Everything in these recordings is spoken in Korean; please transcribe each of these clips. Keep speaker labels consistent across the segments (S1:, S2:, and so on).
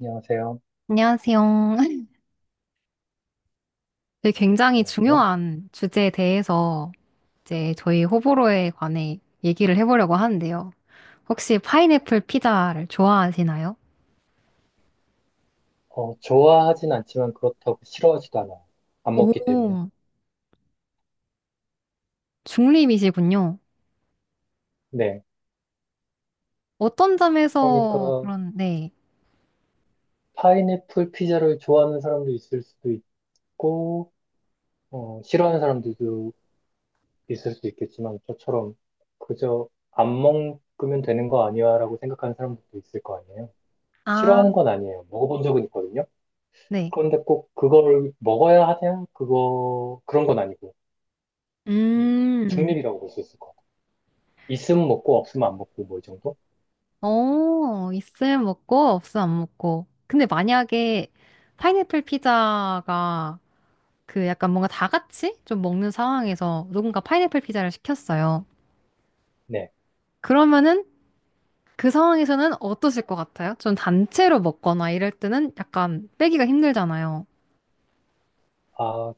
S1: 안녕하세요.
S2: 안녕하세요. 네, 굉장히
S1: 어, 네.
S2: 중요한 주제에 대해서 이제 저희 호불호에 관해 얘기를 해보려고 하는데요. 혹시 파인애플 피자를 좋아하시나요?
S1: 좋아하진 않지만 그렇다고 싫어하지도 않아요. 안 먹기 때문에.
S2: 오, 중립이시군요.
S1: 네.
S2: 어떤
S1: 그러니까
S2: 점에서 그런, 네.
S1: 파인애플 피자를 좋아하는 사람도 있을 수도 있고, 싫어하는 사람들도 있을 수 있겠지만 저처럼 그저 안 먹으면 되는 거 아니야라고 생각하는 사람들도 있을 거 아니에요.
S2: 아,
S1: 싫어하는 건 아니에요. 먹어본 적은 있거든요.
S2: 네.
S1: 그런데 꼭 그거를 먹어야 하냐? 그거 그런 건 아니고 음,
S2: 음,
S1: 중립이라고 볼 수 있을 것 같아요. 있으면 먹고 없으면 안 먹고 뭐 이 정도?
S2: 어, 있을 먹고, 없을 안 먹고. 근데 만약에 파인애플 피자가 그 약간 뭔가 다 같이 좀 먹는 상황에서 누군가 파인애플 피자를 시켰어요.
S1: 네.
S2: 그러면은 그 상황에서는 어떠실 것 같아요? 전 단체로 먹거나 이럴 때는 약간 빼기가 힘들잖아요.
S1: 아,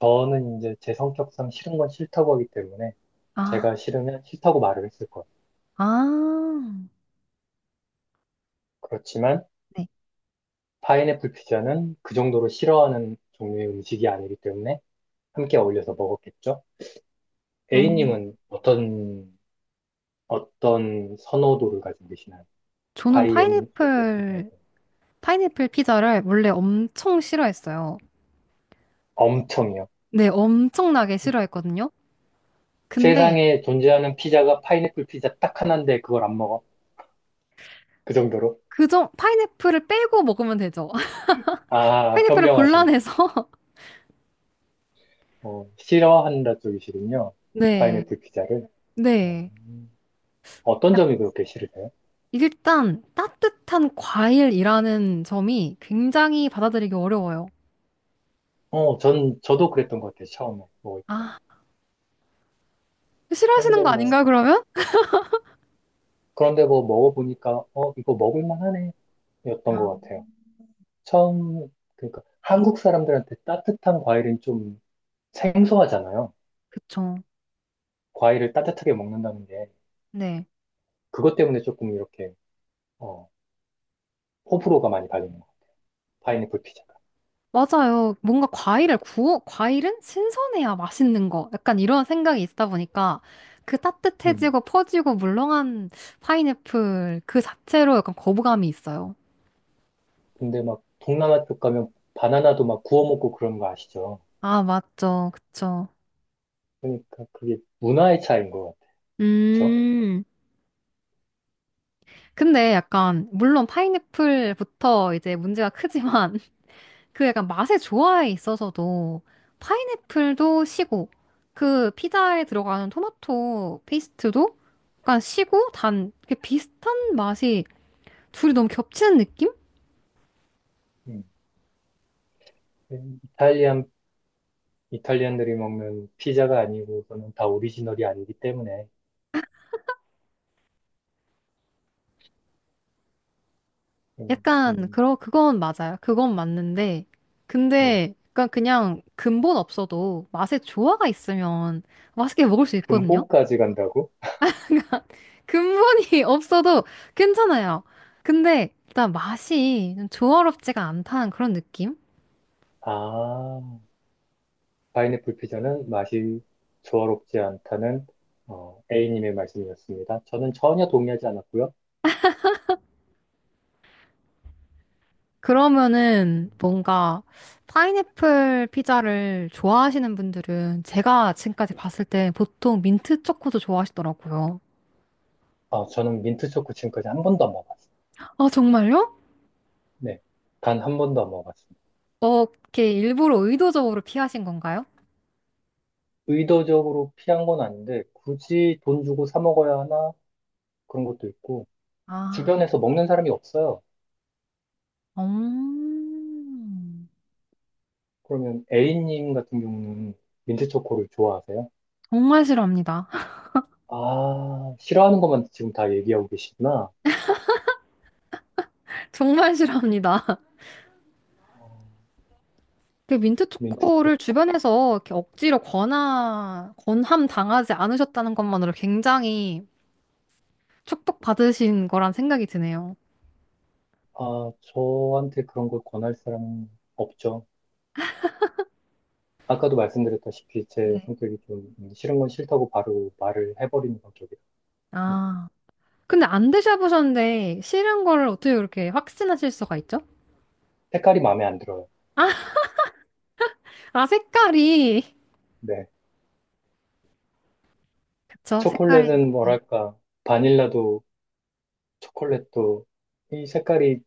S1: 저는 이제 제 성격상 싫은 건 싫다고 하기 때문에
S2: 아,
S1: 제가 싫으면 싫다고 말을 했을 거예요.
S2: 아,
S1: 그렇지만
S2: 네.
S1: 파인애플 피자는 그 정도로 싫어하는 종류의 음식이 아니기 때문에 함께 어울려서 먹었겠죠?
S2: 음,
S1: A님은 어떤 선호도를 가지고 계시나요?
S2: 저는
S1: 파인애플 피자에
S2: 파인애플,
S1: 대해.
S2: 파인애플 피자를 원래 엄청 싫어했어요.
S1: 엄청이요.
S2: 네, 엄청나게 싫어했거든요. 근데
S1: 세상에 존재하는 피자가 파인애플 피자 딱 하나인데 그걸 안 먹어? 그 정도로?
S2: 그정 파인애플을 빼고 먹으면 되죠.
S1: 아,
S2: 파인애플을
S1: 현명하시네.
S2: 골라내서
S1: 요 싫어한다 쪽이시군요.
S2: 네,
S1: 파인애플 피자를. 어,
S2: 네.
S1: 어떤
S2: 약-
S1: 점이 그렇게 싫으세요?
S2: 일단 따뜻한 과일이라는 점이 굉장히 받아들이기 어려워요.
S1: 저도 그랬던 것 같아요, 처음에 먹을 때.
S2: 아, 싫어하시는
S1: 그런데
S2: 거
S1: 뭐,
S2: 아닌가요, 그러면?
S1: 그런데 뭐 먹어보니까, 이거 먹을만 하네, 였던 것 같아요. 그러니까 한국 사람들한테 따뜻한 과일은 좀 생소하잖아요.
S2: 그쵸.
S1: 과일을 따뜻하게 먹는다는 게,
S2: 네.
S1: 그것 때문에 조금 이렇게, 어, 호불호가 많이 갈리는 거 같아요. 파인애플 피자가.
S2: 맞아요. 뭔가 과일을 구워, 과일은 신선해야 맛있는 거. 약간 이런 생각이 있다 보니까 그
S1: 음.
S2: 따뜻해지고 퍼지고 물렁한 파인애플 그 자체로 약간 거부감이 있어요.
S1: 근데 막, 동남아 쪽 가면 바나나도 막 구워 먹고 그런 거 아시죠?
S2: 아, 맞죠. 그쵸.
S1: 그러니까 그게 문화의 차이인 것 같아요. 그쵸?
S2: 음. 근데 약간, 물론 파인애플부터 이제 문제가 크지만 그 약간 맛의 조화에 있어서도 파인애플도 시고 그 피자에 들어가는 토마토 페이스트도 약간 시고 단 이렇게 비슷한 맛이 둘이 너무 겹치는 느낌?
S1: 음. 이탈리안, 이탈리안들이 먹는 피자가 아니고, 그거는 다 오리지널이 아니기 때문에, 음,
S2: 약간
S1: 음,
S2: 그러 그건 맞아요. 그건 맞는데
S1: 네.
S2: 근데 약간 그냥 근본 없어도 맛의 조화가 있으면 맛있게 먹을 수 있거든요.
S1: 근본까지 간다고?
S2: 그러니까 근본이 없어도 괜찮아요. 근데 일단 맛이 좀 조화롭지가 않다는 그런 느낌?
S1: 아, 파인애플 피자는 맛이 조화롭지 않다는, A님의 말씀이었습니다. 저는 전혀 동의하지 않았고요.
S2: 그러면은 뭔가 파인애플 피자를 좋아하시는 분들은 제가 지금까지 봤을 때 보통 민트 초코도 좋아하시더라고요.
S1: 저는 민트 초코 지금까지 한 번도 안 먹어봤어요.
S2: 아, 정말요?
S1: 네. 단 한 번도 안 먹어봤습니다.
S2: 어, 이렇게 일부러 의도적으로 피하신 건가요?
S1: 의도적으로 피한 건 아닌데, 굳이 돈 주고 사 먹어야 하나? 그런 것도 있고,
S2: 아,
S1: 주변에서 먹는 사람이 없어요.
S2: 음,
S1: 그러면 A님 같은 경우는 민트 초코를 좋아하세요?
S2: 정말 싫어합니다.
S1: 아, 싫어하는 것만 지금 다 얘기하고 계시구나.
S2: 정말 싫어합니다.
S1: 어,
S2: 그 민트
S1: 민트
S2: 초코를
S1: 초코.
S2: 주변에서 이렇게 억지로 권하, 권함 당하지 않으셨다는 것만으로 굉장히 축복받으신 거란 생각이 드네요.
S1: 아, 저한테 그런 걸 권할 사람은 없죠. 아까도 말씀드렸다시피 제
S2: 네.
S1: 성격이 좀 싫은 건 싫다고 바로 말을 해버리는 성격이에요. 음,
S2: 아. 근데 안 드셔보셨는데 싫은 거를 어떻게 그렇게 확신하실 수가 있죠?
S1: 색깔이 마음에 안 들어요.
S2: 아, 아 색깔이.
S1: 네.
S2: 그쵸, 색깔이.
S1: 초콜릿은
S2: 네,
S1: 뭐랄까, 바닐라도 초콜릿도 이 색깔이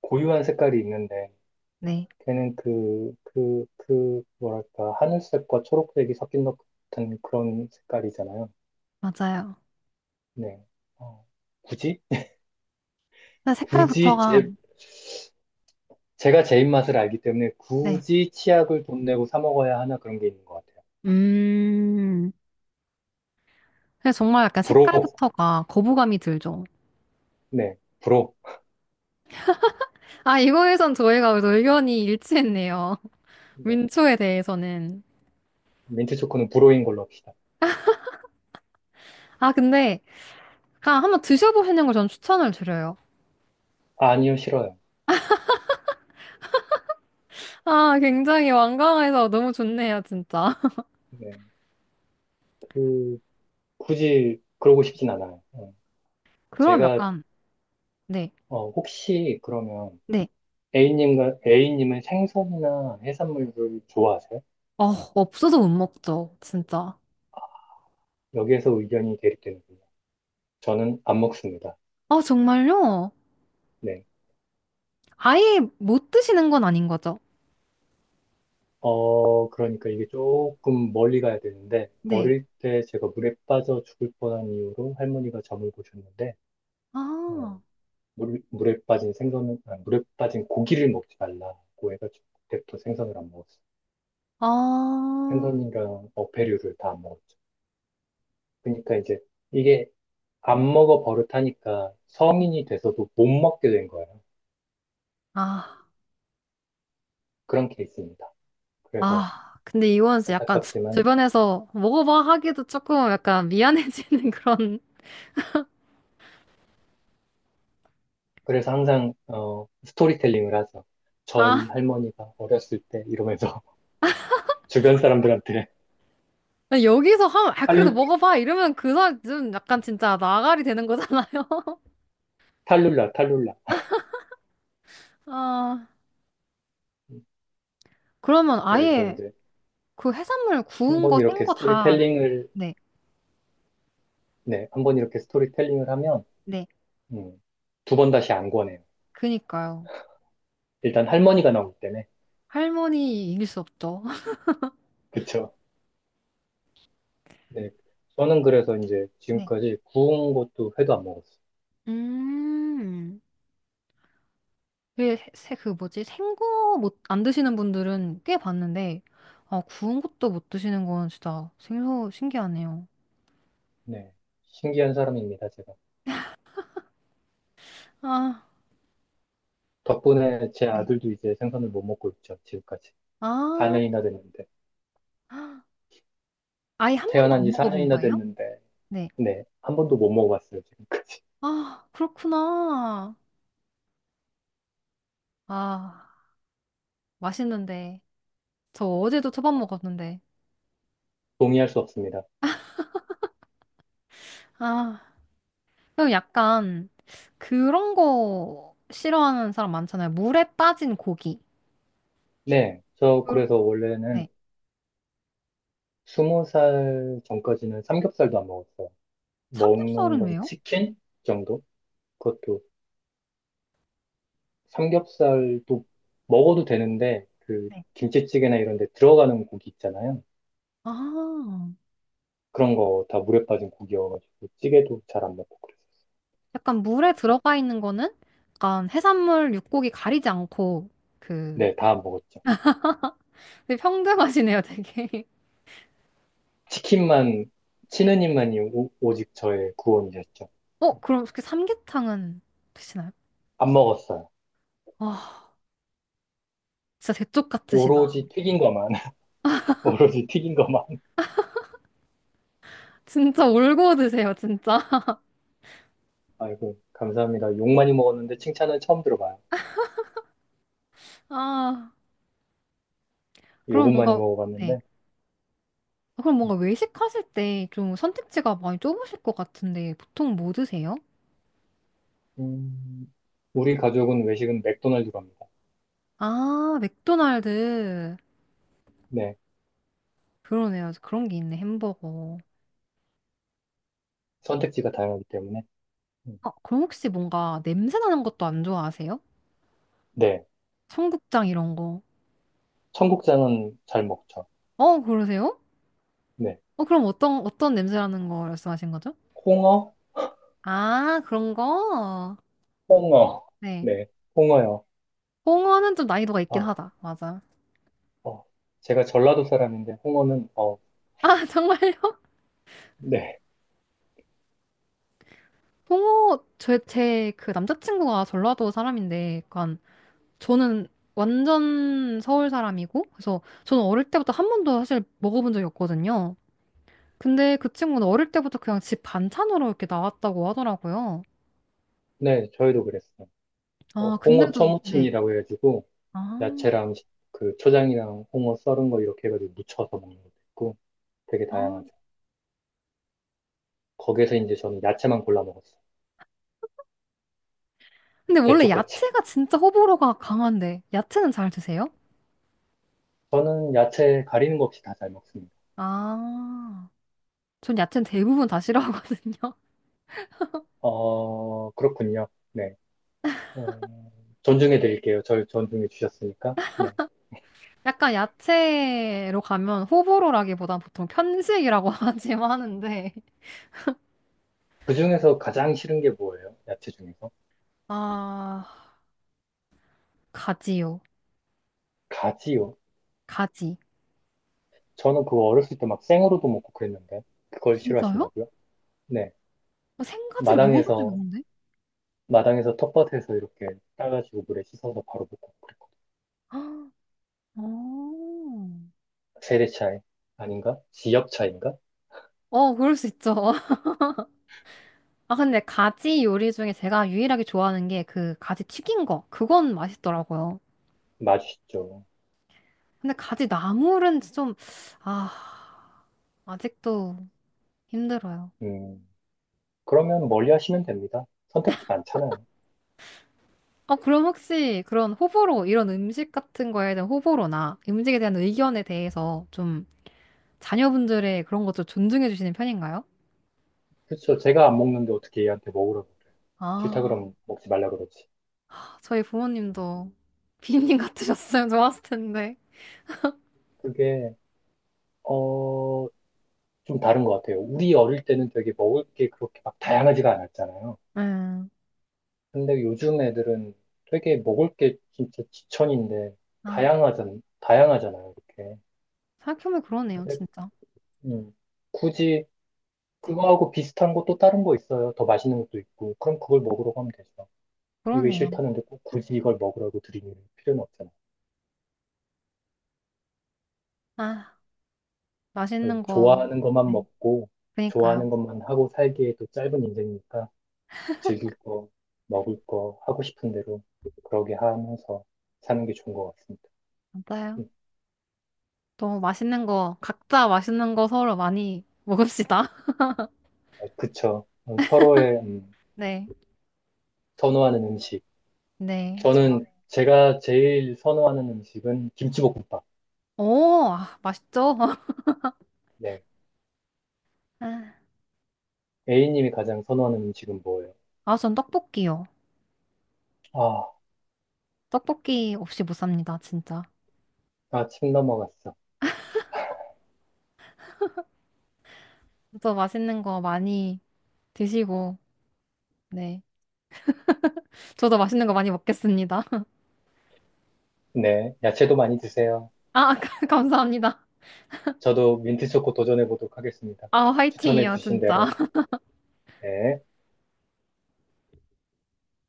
S1: 고유한 색깔이 있는데
S2: 네,
S1: 걔는 뭐랄까, 하늘색과 초록색이 섞인 것 같은 그런 색깔이잖아요.
S2: 맞아요.
S1: 네. 어, 굳이?
S2: 근데
S1: 굳이
S2: 색깔부터가,
S1: 제가 제 입맛을 알기 때문에
S2: 네.
S1: 굳이 치약을 돈 내고 사 먹어야 하나 그런 게 있는 것 같아요.
S2: 음. 그래서 정말 약간
S1: 불호.
S2: 색깔부터가 거부감이 들죠.
S1: 네. 불호.
S2: 아, 이거에선 저희가 그래도 의견이 일치했네요.
S1: 네.
S2: 민초에 대해서는.
S1: 민트 초코는 불호인 걸로 합시다.
S2: 아, 근데, 아, 한번 드셔보시는 걸 전 추천을 드려요.
S1: 아니요, 싫어요.
S2: 아, 굉장히 완강해서 너무 좋네요, 진짜.
S1: 네. 그, 굳이 그러고 싶진 않아요.
S2: 그럼
S1: 제가,
S2: 약간, 네.
S1: 혹시 그러면
S2: 네.
S1: A님은 생선이나 해산물을 좋아하세요?
S2: 어, 없어서 못 먹죠, 진짜.
S1: 여기에서 의견이 대립되는군요. 저는 안 먹습니다.
S2: 아, 정말요?
S1: 네.
S2: 아예 못 드시는 건 아닌 거죠?
S1: 그러니까 이게 조금 멀리 가야 되는데,
S2: 네.
S1: 어릴 때 제가 물에 빠져 죽을 뻔한 이유로 할머니가 점을 보셨는데,
S2: 아,
S1: 어, 물, 물에 빠진 생선은, 아, 물에 빠진 고기를 먹지 말라고 해가지고, 그때부터 생선을 안 먹었어요.
S2: 아,
S1: 생선이랑 어패류를 다 안 먹었죠. 그러니까 이제 이게 안 먹어 버릇하니까 성인이 돼서도 못 먹게 된 거예요.
S2: 아,
S1: 그런 케이스입니다. 그래서
S2: 아. 근데 이건 진짜 약간
S1: 안타깝지만
S2: 주변에서 먹어봐 하기도 조금 약간 미안해지는 그런,
S1: 그래서 항상 스토리텔링을 하죠. 저희
S2: 아,
S1: 할머니가 어렸을 때 이러면서 주변 사람들한테
S2: 여기서 하면, 아, 그래도
S1: 탈,
S2: 먹어봐 이러면 그 사람 좀 약간 진짜 나가리 되는 거잖아요.
S1: 탈룰라, 탈룰라.
S2: 아, 그러면
S1: 그래서
S2: 아예
S1: 이제
S2: 그 해산물
S1: 한
S2: 구운
S1: 번
S2: 거, 생
S1: 이렇게
S2: 거 다,
S1: 스토리텔링을,
S2: 네,
S1: 네, 한번 이렇게 스토리텔링을 하면,
S2: 네.
S1: 음, 두번 다시 안 권해요.
S2: 그니까요.
S1: 일단 할머니가 나오기 때문에.
S2: 할머니 이길 수 없죠.
S1: 그쵸. 네. 저는 그래서 이제
S2: 네.
S1: 지금까지 구운 것도 회도 안 먹었어요.
S2: 음, 그게 세, 그 뭐지? 생거 못, 안 드시는 분들은 꽤 봤는데, 아, 구운 것도 못 드시는 건 진짜 생소, 신기하네요.
S1: 네. 신기한 사람입니다, 제가.
S2: 아,
S1: 덕분에 제
S2: 네.
S1: 아들도 이제 생선을 못 먹고 있죠, 지금까지.
S2: 아,
S1: 4년이나 됐는데.
S2: 아예 한 번도
S1: 태어난
S2: 안
S1: 지
S2: 먹어본
S1: 4년이나
S2: 거예요?
S1: 됐는데,
S2: 네.
S1: 네, 한 번도 못 먹어봤어요, 지금.
S2: 아, 그렇구나. 아, 맛있는데. 저 어제도 초밥 먹었는데.
S1: 동의할 수 없습니다.
S2: 아, 그럼 약간 그런 거 싫어하는 사람 많잖아요. 물에 빠진 고기.
S1: 네, 저
S2: 그-
S1: 그래서 원래는
S2: 네.
S1: 20살 전까지는 삼겹살도 안 먹었어요. 먹는
S2: 삼겹살은
S1: 건
S2: 왜요?
S1: 치킨 정도? 그것도 삼겹살도 먹어도 되는데, 그
S2: 네.
S1: 김치찌개나 이런 데 들어가는 고기 있잖아요.
S2: 아.
S1: 그런 거 다 물에 빠진 고기여가지고, 찌개도 잘 안 먹고 그랬어요.
S2: 약간 물에 들어가 있는 거는 약간 해산물, 육고기 가리지 않고 그
S1: 네, 다 안 먹었죠.
S2: 되게 평등하시네요, 되게.
S1: 치킨만, 치느님만이 오직 저의 구원이셨죠.
S2: 어, 그럼 그 삼계탕은 드시나요?
S1: 안 먹었어요.
S2: 아, 진짜 대쪽 같으시다.
S1: 오로지 튀긴 것만. 오로지 튀긴 것만.
S2: 진짜 울고 드세요, 진짜.
S1: 아이고, 감사합니다. 욕 많이 먹었는데 칭찬은 처음 들어봐요.
S2: 아, 그럼
S1: 욕은 많이
S2: 뭔가 네.
S1: 먹어봤는데.
S2: 아, 그럼 뭔가 외식하실 때 좀 선택지가 많이 좁으실 것 같은데 보통 뭐 드세요?
S1: 음, 우리 가족은 외식은 맥도날드 갑니다.
S2: 아, 맥도날드.
S1: 네.
S2: 그러네요. 그런 게 있네, 햄버거.
S1: 선택지가 다양하기 때문에. 음,
S2: 아, 그럼 혹시 뭔가 냄새 나는 것도 안 좋아하세요?
S1: 네.
S2: 청국장 이런 거.
S1: 청국장은 잘 먹죠.
S2: 어, 그러세요?
S1: 네.
S2: 어, 그럼 어떤, 어떤 냄새라는 거 말씀하신 거죠?
S1: 홍어?
S2: 아, 그런 거?
S1: 홍어.
S2: 네.
S1: 네. 홍어요.
S2: 홍어는 좀 난이도가 있긴
S1: 아,
S2: 하다. 맞아.
S1: 어. 제가 전라도 사람인데, 홍어는,
S2: 아, 정말요?
S1: 네.
S2: 홍어, 제, 제, 그 남자친구가 전라도 사람인데, 약간, 저는 완전 서울 사람이고, 그래서 저는 어릴 때부터 한 번도 사실 먹어본 적이 없거든요. 근데 그 친구는 어릴 때부터 그냥 집 반찬으로 이렇게 나왔다고 하더라고요.
S1: 네, 저희도 그랬어요.
S2: 아,
S1: 홍어
S2: 근데도, 네.
S1: 초무침이라고 해가지고,
S2: 아,
S1: 야채랑 그 초장이랑 홍어 썰은 거 이렇게 해가지고 무쳐서 먹는 것도 있고, 되게
S2: 아.
S1: 다양하죠. 거기에서 이제 저는 야채만 골라 먹었어요.
S2: 근데 원래
S1: 대쪽같이.
S2: 야채가 진짜 호불호가 강한데, 야채는 잘 드세요?
S1: 저는 야채 가리는 거 없이 다 잘 먹습니다.
S2: 아, 전 야채는 대부분 다 싫어하거든요.
S1: 그렇군요. 네. 어, 존중해 드릴게요. 절 존중해 주셨으니까. 네.
S2: 약간 야채로 가면 호불호라기보단 보통 편식이라고 하지만 하는데,
S1: 그 중에서 가장 싫은 게 뭐예요? 야채 중에서?
S2: 아, 가지요.
S1: 가지요.
S2: 가지.
S1: 저는 그거 어렸을 때 막 생으로도 먹고 그랬는데, 그걸
S2: 진짜요?
S1: 싫어하신다고요? 네.
S2: 어, 생가지를 먹어본 적이
S1: 마당에서,
S2: 없는데?
S1: 마당에서 텃밭에서 이렇게 따가지고 물에 씻어서 바로 먹고 그랬고.
S2: 아, 어,
S1: 세대 차이 아닌가? 지역 차이인가?
S2: 어, 그럴 수 있죠. 아, 근데 가지 요리 중에 제가 유일하게 좋아하는 게 그 가지 튀긴 거. 그건 맛있더라고요.
S1: 맞으시죠.
S2: 근데 가지 나물은 좀, 아, 아직도 힘들어요.
S1: 음. 그러면 멀리 하시면 됩니다. 선택지 많잖아요.
S2: 어, 그럼 혹시 그런 호불호, 이런 음식 같은 거에 대한 호불호나 음식에 대한 의견에 대해서 좀 자녀분들의 그런 것도 존중해 주시는 편인가요?
S1: 그렇죠. 제가 안 먹는데 어떻게 얘한테 먹으라고 그래. 싫다
S2: 아,
S1: 그러면 먹지 말라 그러지.
S2: 저희 부모님도 비님 같으셨으면 좋았을 텐데.
S1: 그게, 어, 좀 다른 것 같아요. 우리 어릴 때는 되게 먹을 게 그렇게 막 다양하지가 않았잖아요.
S2: 음,
S1: 근데 요즘 애들은 되게 먹을 게 진짜 지천인데
S2: 아,
S1: 다양하잖아요. 이렇게.
S2: 생각해보면 그러네요,
S1: 근데,
S2: 진짜.
S1: 음, 굳이 그거하고 비슷한 거 또 다른 거 있어요. 더 맛있는 것도 있고. 그럼 그걸 먹으라고 하면 되죠. 이게
S2: 그러네요.
S1: 싫다는데 꼭 굳이 이걸 먹으라고 드리는 필요는 없잖아요.
S2: 아,
S1: 그
S2: 맛있는 거.
S1: 좋아하는 것만
S2: 네,
S1: 먹고
S2: 그니까요.
S1: 좋아하는 것만 하고 살기에도 짧은 인생이니까 즐길 거, 먹을 거, 하고 싶은 대로 그러게 하면서 사는 게 좋은 것 같습니다.
S2: 맞아요.
S1: 음,
S2: 또 맛있는 거, 각자 맛있는 거 서로 많이 먹읍시다.
S1: 그쵸. 서로의
S2: 네,
S1: 선호하는 음식.
S2: 네, 좋아.
S1: 저는 제가 제일 선호하는 음식은 김치볶음밥.
S2: 오, 아, 맛있죠?
S1: 네. A님이 가장 선호하는 음식은 뭐예요?
S2: 아, 전 떡볶이요.
S1: 아,
S2: 떡볶이 없이 못 삽니다, 진짜.
S1: 아, 침 넘어갔어.
S2: 저도 맛있는 거 많이 드시고, 네. 저도 맛있는 거 많이 먹겠습니다.
S1: 네. 야채도 많이 드세요.
S2: 아, 감사합니다.
S1: 저도 민트초코 도전해보도록 하겠습니다.
S2: 아, 화이팅이요,
S1: 추천해주신
S2: 진짜.
S1: 대로. 네.